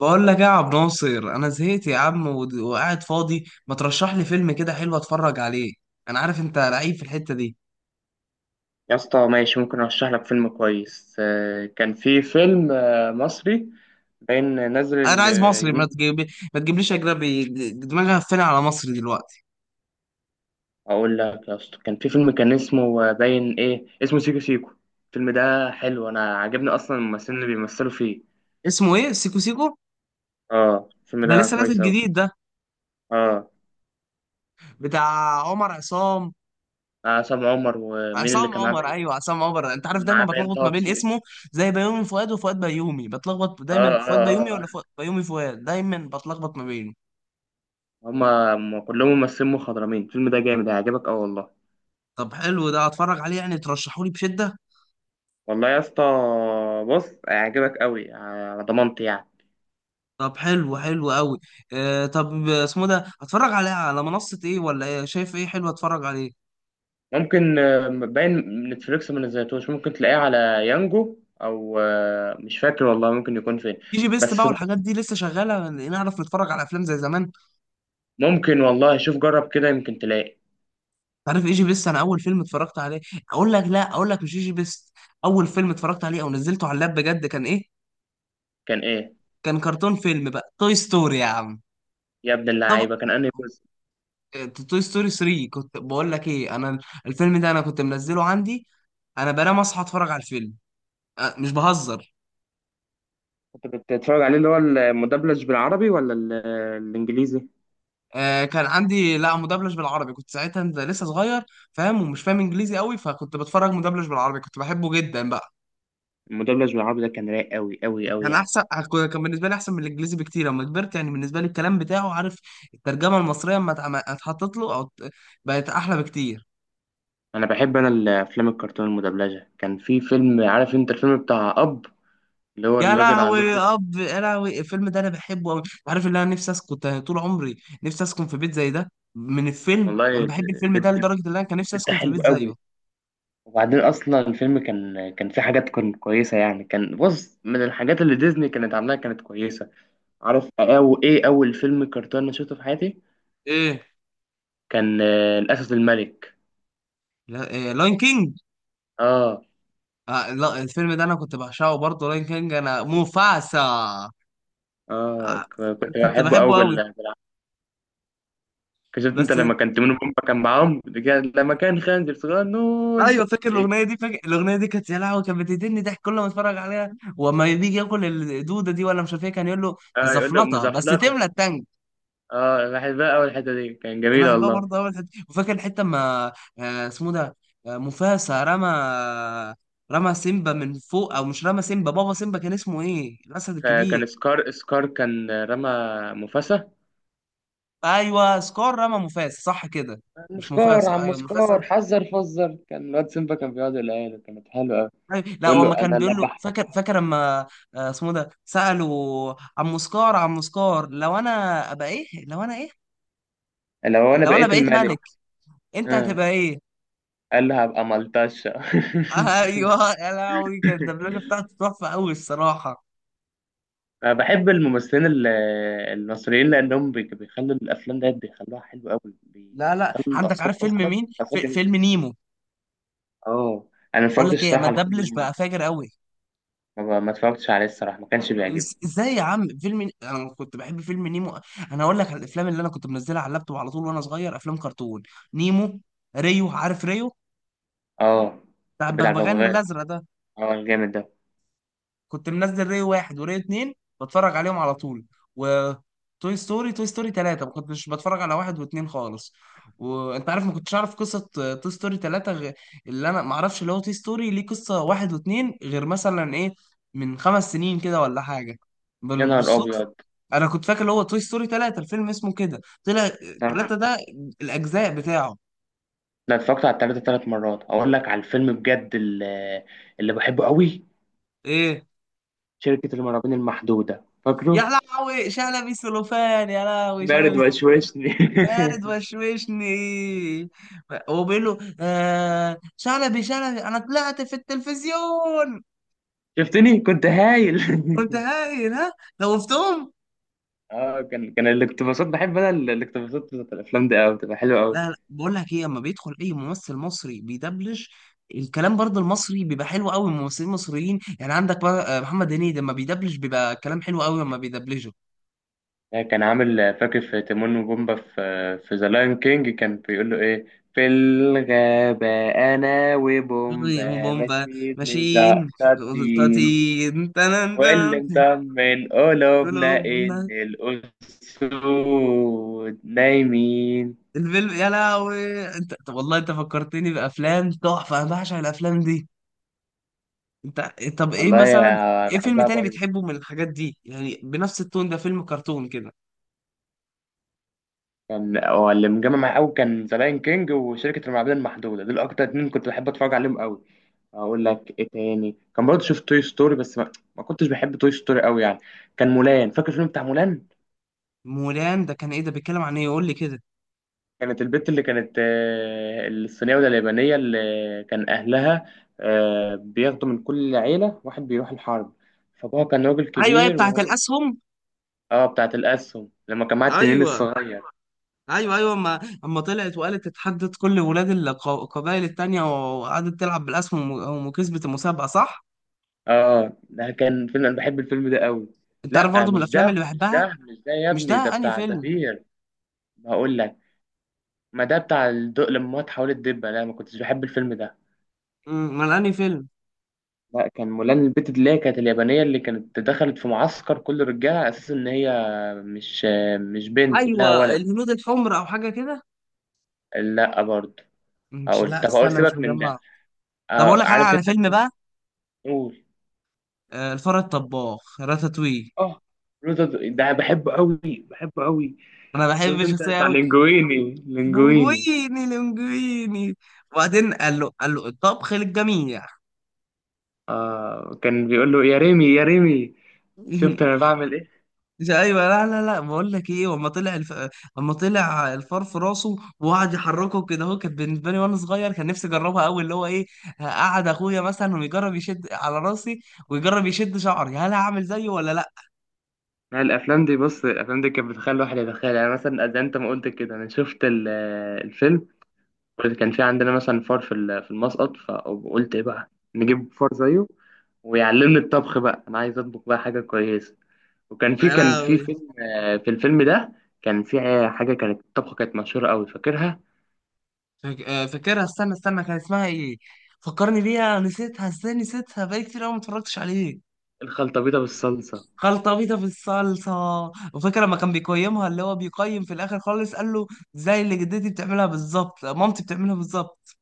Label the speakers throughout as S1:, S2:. S1: بقول لك ايه يا عبد ناصر. انا زهقت يا عم، وقاعد فاضي، ما ترشح لي فيلم كده حلو اتفرج عليه؟ انا عارف انت لعيب في الحتة دي.
S2: يا اسطى ماشي. ممكن ارشح لك فيلم كويس. كان في فيلم مصري باين نازل
S1: انا عايز مصري، ما
S2: اليومين.
S1: تجيب ما تجيبليش اجنبي. دماغي هفاني على مصري دلوقتي.
S2: اقول لك يا اسطى، كان في فيلم كان اسمه باين ايه اسمه سيكو سيكو. الفيلم ده حلو، انا عجبني اصلا الممثلين اللي بيمثلوا فيه.
S1: اسمه ايه؟ سيكو سيكو؟
S2: اه الفيلم
S1: ده
S2: ده
S1: لسه نازل
S2: كويس اوي.
S1: جديد ده؟
S2: اه.
S1: بتاع عمر عصام،
S2: عصام عمر ومين اللي
S1: عصام
S2: كان معاه
S1: عمر.
S2: باين؟
S1: ايوه عصام عمر، انت عارف
S2: كان
S1: دايما
S2: معاه باين
S1: بتلخبط
S2: طه
S1: ما بين
S2: دسوقي.
S1: اسمه، زي بيومي فؤاد وفؤاد بيومي، بتلخبط
S2: اه
S1: دايما فؤاد
S2: اه
S1: بيومي ولا فؤاد
S2: اه.
S1: بيومي فؤاد، دايما بتلخبط ما بينه.
S2: هما هما كلهم ممثلين مخضرمين، الفيلم ده جامد هيعجبك اوي والله.
S1: طب حلو، ده اتفرج عليه يعني؟ ترشحولي بشدة.
S2: والله يا اسطى، بص هيعجبك اوي على ضمانتي يعني.
S1: طب حلو، حلو قوي. آه طب اسمه ده، هتفرج عليها على منصة ايه ولا ايه؟ شايف ايه حلو اتفرج عليه؟
S2: ممكن باين نتفليكس ما نزلتوش، ممكن تلاقيه على يانجو، او مش فاكر والله ممكن يكون فين.
S1: ايجي بيست بقى
S2: بس
S1: والحاجات دي لسه شغالة؟ نعرف نتفرج على افلام زي زمان؟
S2: ممكن والله، شوف جرب كده يمكن تلاقي.
S1: عارف ايجي بيست، انا اول فيلم اتفرجت عليه، اقول لك لا اقول لك مش ايجي بيست. اول فيلم اتفرجت عليه او نزلته على اللاب بجد كان ايه؟
S2: كان ايه؟
S1: كان كرتون، فيلم بقى توي ستوري يا عم.
S2: يا ابن
S1: طب
S2: اللعيبه كان انهي جزء؟
S1: توي ستوري 3، كنت بقول لك ايه انا. الفيلم ده انا كنت منزله عندي، انا بنام اصحى اتفرج على الفيلم. مش بهزر.
S2: كنت بتتفرج عليه اللي هو المدبلج بالعربي ولا الانجليزي؟
S1: كان عندي، لا مدبلج بالعربي، كنت ساعتها لسه صغير فاهم ومش فاهم انجليزي قوي، فكنت بتفرج مدبلج بالعربي، كنت بحبه جدا بقى.
S2: المدبلج بالعربي ده كان رايق قوي قوي قوي
S1: كان
S2: يعني.
S1: احسن، كان بالنسبه لي احسن من الانجليزي بكتير لما كبرت، يعني بالنسبه لي الكلام بتاعه، عارف، الترجمه المصريه اما اتحطت له، بقت احلى بكتير.
S2: انا بحب انا الافلام الكرتون المدبلجه. كان في فيلم عارف انت، الفيلم بتاع اب، اللي هو
S1: يا
S2: الراجل على
S1: لهوي
S2: الجزء.
S1: اب، يا لهوي الفيلم ده انا بحبه قوي. عارف اللي انا نفسي اسكن، كنت طول عمري نفسي اسكن في بيت زي ده من الفيلم،
S2: والله
S1: انا بحب
S2: البيت
S1: الفيلم ده لدرجه ان انا كان نفسي
S2: البيت ده
S1: اسكن في
S2: حلو
S1: بيت
S2: قوي.
S1: زيه.
S2: وبعدين اصلا الفيلم كان فيه حاجات كانت كويسه يعني. كان بص، من الحاجات اللي ديزني كانت عاملاها كانت كويسه. عارف او ايه اول فيلم كرتون انا شفته في حياتي؟
S1: ايه؟
S2: كان الاسد الملك.
S1: إيه لاين كينج.
S2: اه.
S1: آه لا، الفيلم ده انا كنت بعشقه برضه، راين كينج، انا موفاسا.
S2: اه، كنت
S1: كنت
S2: بحبه
S1: بحبه
S2: قوي
S1: قوي.
S2: شفت انت
S1: بس
S2: لما كان تيمون وبومبا كان معاهم لما كان خنزير صغنون.
S1: ايوه، فاكر
S2: إيه.
S1: الاغنيه دي، فاكر الاغنيه دي كانت، يا لهوي كانت بتقتلني ضحك كل ما اتفرج عليها. وما بيجي ياكل الدوده دي، ولا مش عارف ايه كان يقول له
S2: اه يقول له
S1: زفلطه بس
S2: مزفلطه.
S1: تملى التانك.
S2: اه بحبها، اول الحته دي كان
S1: كنت
S2: جميله
S1: بحبها
S2: والله.
S1: برضه قوي الحتة دي. وفاكر الحته اما آه، اسمه ده آه، موفاسا رمى، رمى سيمبا من فوق، او مش رمى سيمبا، بابا سيمبا كان اسمه ايه؟ الاسد الكبير.
S2: كان سكار كان رمى مفاسة.
S1: ايوه سكار رمى موفاسا، صح كده.
S2: عم
S1: مش
S2: سكار
S1: موفاسا،
S2: عم
S1: ايوه
S2: سكار
S1: موفاسا.
S2: حذر فزر، كان الواد سيمبا كان بيقعد يقولها له، كانت حلوه قوي.
S1: أيوة، لا
S2: يقول
S1: هو
S2: له
S1: ما كان
S2: انا اللي
S1: بيقول له، فاكر فاكر لما آه، اسمه ده سألوا عم سكار، عم سكار لو انا ابقى ايه، لو انا ايه،
S2: لو انا
S1: لو انا
S2: بقيت
S1: بقيت
S2: الملك.
S1: ملك انت
S2: آه.
S1: هتبقى ايه؟
S2: قال له هبقى ملطشه.
S1: ايوه، يا لهوي كانت الدبلجه بتاعته تحفه قوي الصراحه.
S2: انا بحب الممثلين المصريين لانهم بيخلوا الافلام ديت بيخلوها حلوه قوي،
S1: لا لا
S2: بيخلوا
S1: عندك،
S2: الاصوات
S1: عارف فيلم
S2: اصلا
S1: مين؟
S2: اصوات
S1: في
S2: جميله.
S1: فيلم نيمو،
S2: اه. انا ما
S1: بقول
S2: اتفرجتش
S1: لك ايه، ما
S2: الصراحه على فيلم
S1: الدبلج
S2: الانمي.
S1: بقى فاجر قوي.
S2: ما اتفرجتش عليه الصراحه، ما كانش بيعجبني.
S1: ازاي يا عم، فيلم انا كنت بحب فيلم نيمو. انا اقول لك على الافلام اللي انا كنت منزلها على اللابتوب على طول وانا صغير، افلام كرتون، نيمو، ريو، عارف ريو
S2: اه
S1: بتاع
S2: كان بتاع
S1: البغبغان
S2: الببغاء،
S1: الازرق ده؟
S2: اه الجامد ده.
S1: كنت منزل ري واحد وري اتنين، بتفرج عليهم على طول. و توي ستوري، توي ستوري تلاتة ما كنتش بتفرج على واحد واتنين خالص. وانت عارف، ما كنتش اعرف قصة توي ستوري تلاتة غ... اللي انا ما اعرفش اللي هو توي ستوري ليه قصة واحد واتنين غير، مثلا ايه، من خمس سنين كده ولا حاجة،
S2: يا نهار
S1: بالصدفة.
S2: ابيض.
S1: انا كنت فاكر اللي هو توي ستوري تلاتة الفيلم اسمه كده، طلع تلاتة ده الاجزاء بتاعه.
S2: لا اتفرجت على التلاتة تلات مرات. اقول لك على الفيلم بجد اللي بحبه قوي،
S1: ايه؟
S2: شركة المرابين المحدودة
S1: يا
S2: فاكره؟
S1: لهوي شلبي سلوفان، يا لهوي
S2: برد
S1: شلبي.
S2: وشوشني.
S1: بارد وشوشني. وبيقول له آه شلبي شلبي انا طلعت في التلفزيون.
S2: شفتني كنت هايل.
S1: كنت هايل، ها؟ خوفتهم.
S2: اه كان الاقتباسات بحب انا الاقتباسات بتاعت الافلام دي قوي بتبقى حلوه قوي.
S1: لا لا بقول لك ايه، اما بيدخل اي ممثل مصري بيدبلج الكلام، برضه المصري بيبقى حلو قوي، ممثلين مصريين. يعني عندك بقى، محمد هنيدي لما بيدبلج بيبقى كلام حلو قوي لما بيدبلجه.
S2: كان عامل فاكر في تيمون وبومبا في ذا لاين كينج كان بيقول له ايه في الغابة؟ أنا
S1: أيوة،
S2: وبومبا
S1: بومبا
S2: ماشيين
S1: ماشيين
S2: مزقشطين،
S1: قطاطين تنن
S2: واللي
S1: تنن،
S2: مطمن قلوبنا إن
S1: قلوبنا.
S2: الأسود نايمين.
S1: الفيلم يا لهوي، انت طب والله انت فكرتني بافلام تحفه، انا بعشق الافلام دي. انت طب ايه
S2: والله
S1: مثلا؟
S2: يا
S1: ايه فيلم
S2: بحبها
S1: تاني
S2: برضه.
S1: بتحبه من الحاجات دي، يعني بنفس التون ده، فيلم كرتون كده؟
S2: كان هو اللي مجمع معايا أوي، كان ذا لاين كينج وشركة المعابد المحدودة، دول أكتر اتنين كنت بحب أتفرج عليهم أوي. أقول لك إيه تاني كان برضه؟ شفت توي ستوري بس ما كنتش بحب توي ستوري أوي يعني. كان مولان، فاكر الفيلم بتاع مولان؟
S1: مولان ده كان ايه؟ ده بيتكلم عن ايه يقول لي كده.
S2: كانت البت اللي كانت الصينية ولا اليابانية اللي كان أهلها بياخدوا من كل عيلة واحد بيروح الحرب، فأبوها كان راجل
S1: ايوه ايوه
S2: كبير
S1: بتاعت
S2: وهو.
S1: الاسهم.
S2: اه بتاعت الأسهم، لما كان معاه التنين
S1: ايوه،
S2: الصغير.
S1: ايوه ايوه اما، اما طلعت وقالت، اتحدت كل ولاد القبائل التانية، وقعدت تلعب بالاسهم وكسبت المسابقه، صح.
S2: اه، ده كان فيلم أنا بحب الفيلم ده قوي.
S1: انت عارف
S2: لا
S1: برضو من
S2: مش
S1: الافلام
S2: ده
S1: اللي
S2: مش ده
S1: بحبها.
S2: مش ده، يا
S1: مش ده،
S2: ابني ده
S1: انهي
S2: بتاع
S1: فيلم؟
S2: زبير. بقول لك، ما ده بتاع الدق لما هو اتحولت دبة، لا ما كنتش بحب الفيلم ده.
S1: امال انهي فيلم؟
S2: لا كان مولان، البت اللي هي كانت اليابانية اللي كانت دخلت في معسكر كل رجالة على أساس إن هي مش مش بنت، إنها
S1: ايوه
S2: ولد.
S1: الهنود الحمر او حاجه كده.
S2: لا برضه.
S1: مش،
S2: أقول
S1: لا
S2: طب أقول
S1: استنى، مش
S2: سيبك من ده.
S1: مجمع. طب اقول لك انا
S2: عارف
S1: على
S2: أنت؟
S1: فيلم بقى،
S2: بتقول.
S1: الفار الطباخ راتاتوي.
S2: آه لوتو ده بحبه قوي بحبه قوي.
S1: انا بحب
S2: شفت أنت
S1: الشخصيه
S2: بتاع
S1: قوي.
S2: لينجويني لينجويني.
S1: لونجويني، لونجويني. وبعدين قال له، قال له الطبخ للجميع.
S2: آه كان بيقول له يا ريمي يا ريمي. شفت أنا بعمل إيه؟
S1: مش ايوه لا لا لا، بقول لك ايه، وأما طلع الف... اما طلع الفار في راسه وقعد يحركه كده، هو كان بالنسبه لي وانا صغير كان نفسي اجربها قوي، اللي هو ايه، قعد اخويا مثلا ويجرب يشد على راسي ويجرب يشد شعري، هل هعمل زيه ولا لا.
S2: لا الأفلام دي بص، الأفلام دي كانت بتخلي الواحد يتخيل يعني مثلا، زي أنت ما قلت كده أنا شفت الفيلم. كان في عندنا مثلا فار في في المسقط، فقلت ايه بقى؟ نجيب فار زيه ويعلمني الطبخ بقى، انا عايز اطبخ بقى حاجه كويسه. وكان في كان
S1: لا
S2: في فيلم، في الفيلم ده كان في حاجه كانت الطبخه كانت مشهوره قوي فاكرها؟
S1: فاكرها، استنى استنى، كان اسمها ايه؟ فكرني بيها، نسيتها ازاي؟ نسيتها بقالي كتير قوي ما اتفرجتش عليه.
S2: الخلطه بيضه بالصلصه.
S1: خلطة بيضة في الصلصة. وفاكر لما كان بيقيمها، اللي هو بيقيم في الآخر خالص قال له زي اللي جدتي بتعملها بالظبط، مامتي بتعملها بالظبط.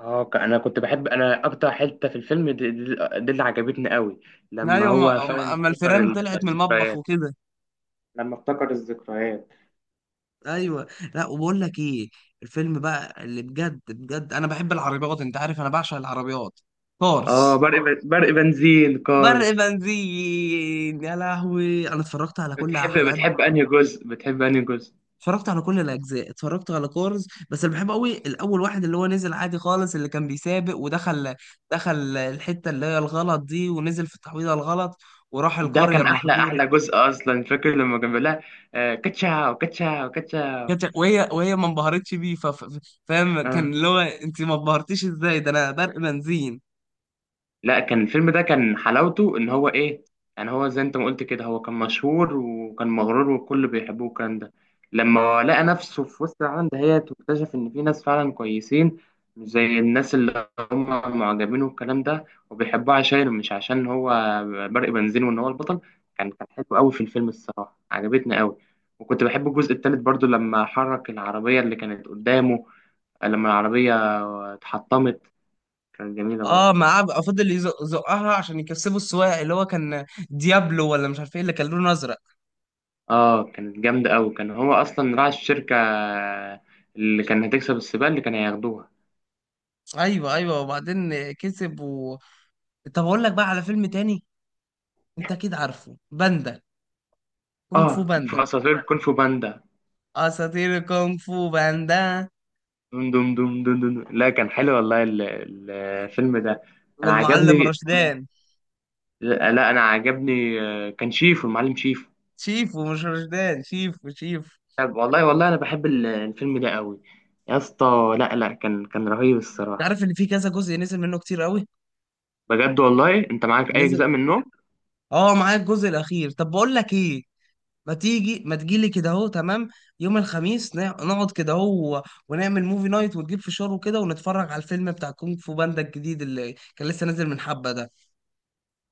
S2: اه انا كنت بحب انا اكتر حته في الفيلم دي اللي عجبتني قوي، لما
S1: أيوة
S2: هو
S1: أما،
S2: فعلا
S1: أما
S2: افتكر
S1: الفيران طلعت من المطبخ
S2: الذكريات،
S1: وكده.
S2: لما افتكر الذكريات.
S1: أيوة. لا وبقول لك إيه، الفيلم بقى اللي بجد بجد أنا بحب العربيات، أنت عارف أنا بعشق العربيات،
S2: اه
S1: كورس.
S2: برق بنزين
S1: برق
S2: كارز.
S1: بنزين، يا لهوي أنا اتفرجت على كل
S2: بتحب
S1: حلقات،
S2: بتحب انهي جزء؟ بتحب انهي جزء؟
S1: اتفرجت على كل الاجزاء، اتفرجت على كورز، بس اللي بحبه قوي الاول، واحد، اللي هو نزل عادي خالص، اللي كان بيسابق ودخل، دخل الحته اللي هي الغلط دي، ونزل في التحويضه الغلط، وراح
S2: ده
S1: القريه
S2: كان احلى
S1: المهجوره.
S2: احلى جزء اصلا، فاكر لما كان بيقول لها كاتشاو كاتشاو كاتشاو.
S1: كانت، وهي وهي ما انبهرتش بيه، فاهم،
S2: آه.
S1: كان اللي هو انت ما انبهرتيش ازاي، ده انا برق بنزين.
S2: لا كان الفيلم ده كان حلاوته ان هو ايه يعني، هو زي انت ما قلت كده، هو كان مشهور وكان مغرور والكل بيحبوه الكلام ده. لما لقى نفسه في وسط العالم دهيت واكتشف ان في ناس فعلا كويسين، مش زي الناس اللي هم معجبين والكلام ده، وبيحبوه عشان مش عشان هو برق بنزين وان هو البطل. كان حلو قوي في الفيلم الصراحه، عجبتني قوي. وكنت بحب الجزء التالت برضو، لما حرك العربيه اللي كانت قدامه، لما العربيه اتحطمت. كانت جميله
S1: اه،
S2: برضو.
S1: معاه بقى فضل يزقها عشان يكسبوا السواق اللي هو كان ديابلو، ولا مش عارف ايه اللي كان لونه ازرق.
S2: اه، كانت جامدة أوي، كان هو أصلا راعي الشركة اللي كان هتكسب السباق اللي كانوا هياخدوها.
S1: ايوه ايوه وبعدين كسب و... طب اقول لك بقى على فيلم تاني، انت اكيد عارفه باندا، كونغ فو
S2: اه
S1: باندا،
S2: في أساطير كونغ فو باندا.
S1: اساطير كونغ فو باندا.
S2: دم دم دم دم دم دم. لا كان حلو والله الفيلم ده، أنا
S1: والمعلم
S2: عجبني.
S1: رشدان،
S2: لا لا، أنا عجبني. كان شيفو المعلم شيفو.
S1: شيفو، مش رشدان شيفو شيفو.
S2: طب والله والله أنا بحب الفيلم ده أوي، يا اسطى. لا لا كان رهيب
S1: انت
S2: الصراحة.
S1: عارف ان في كذا جزء نزل منه كتير قوي.
S2: بجد والله أنت معاك أي
S1: نزل.
S2: أجزاء منه؟
S1: اه معايا الجزء الاخير. طب بقول لك ايه، ما تيجي ما تجيلي كده اهو، تمام. يوم الخميس نقعد كده اهو ونعمل موفي نايت ونجيب فشار وكده ونتفرج على الفيلم بتاع كونغ فو باندا الجديد اللي كان لسه نازل من حبة ده.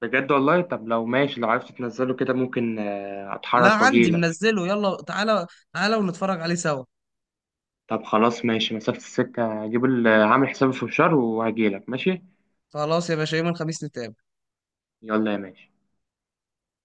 S2: بجد والله، طب لو ماشي، لو عرفت تنزله كده ممكن
S1: لا
S2: أتحرك
S1: عندي
S2: وأجيلك.
S1: منزله، يلا تعالى، تعالى ونتفرج عليه سوا.
S2: طب خلاص ماشي، مسافة السكة هجيب عامل حسابي في الشر وهجيلك ماشي.
S1: خلاص يا باشا، يوم الخميس نتقابل.
S2: يلا يا ماشي.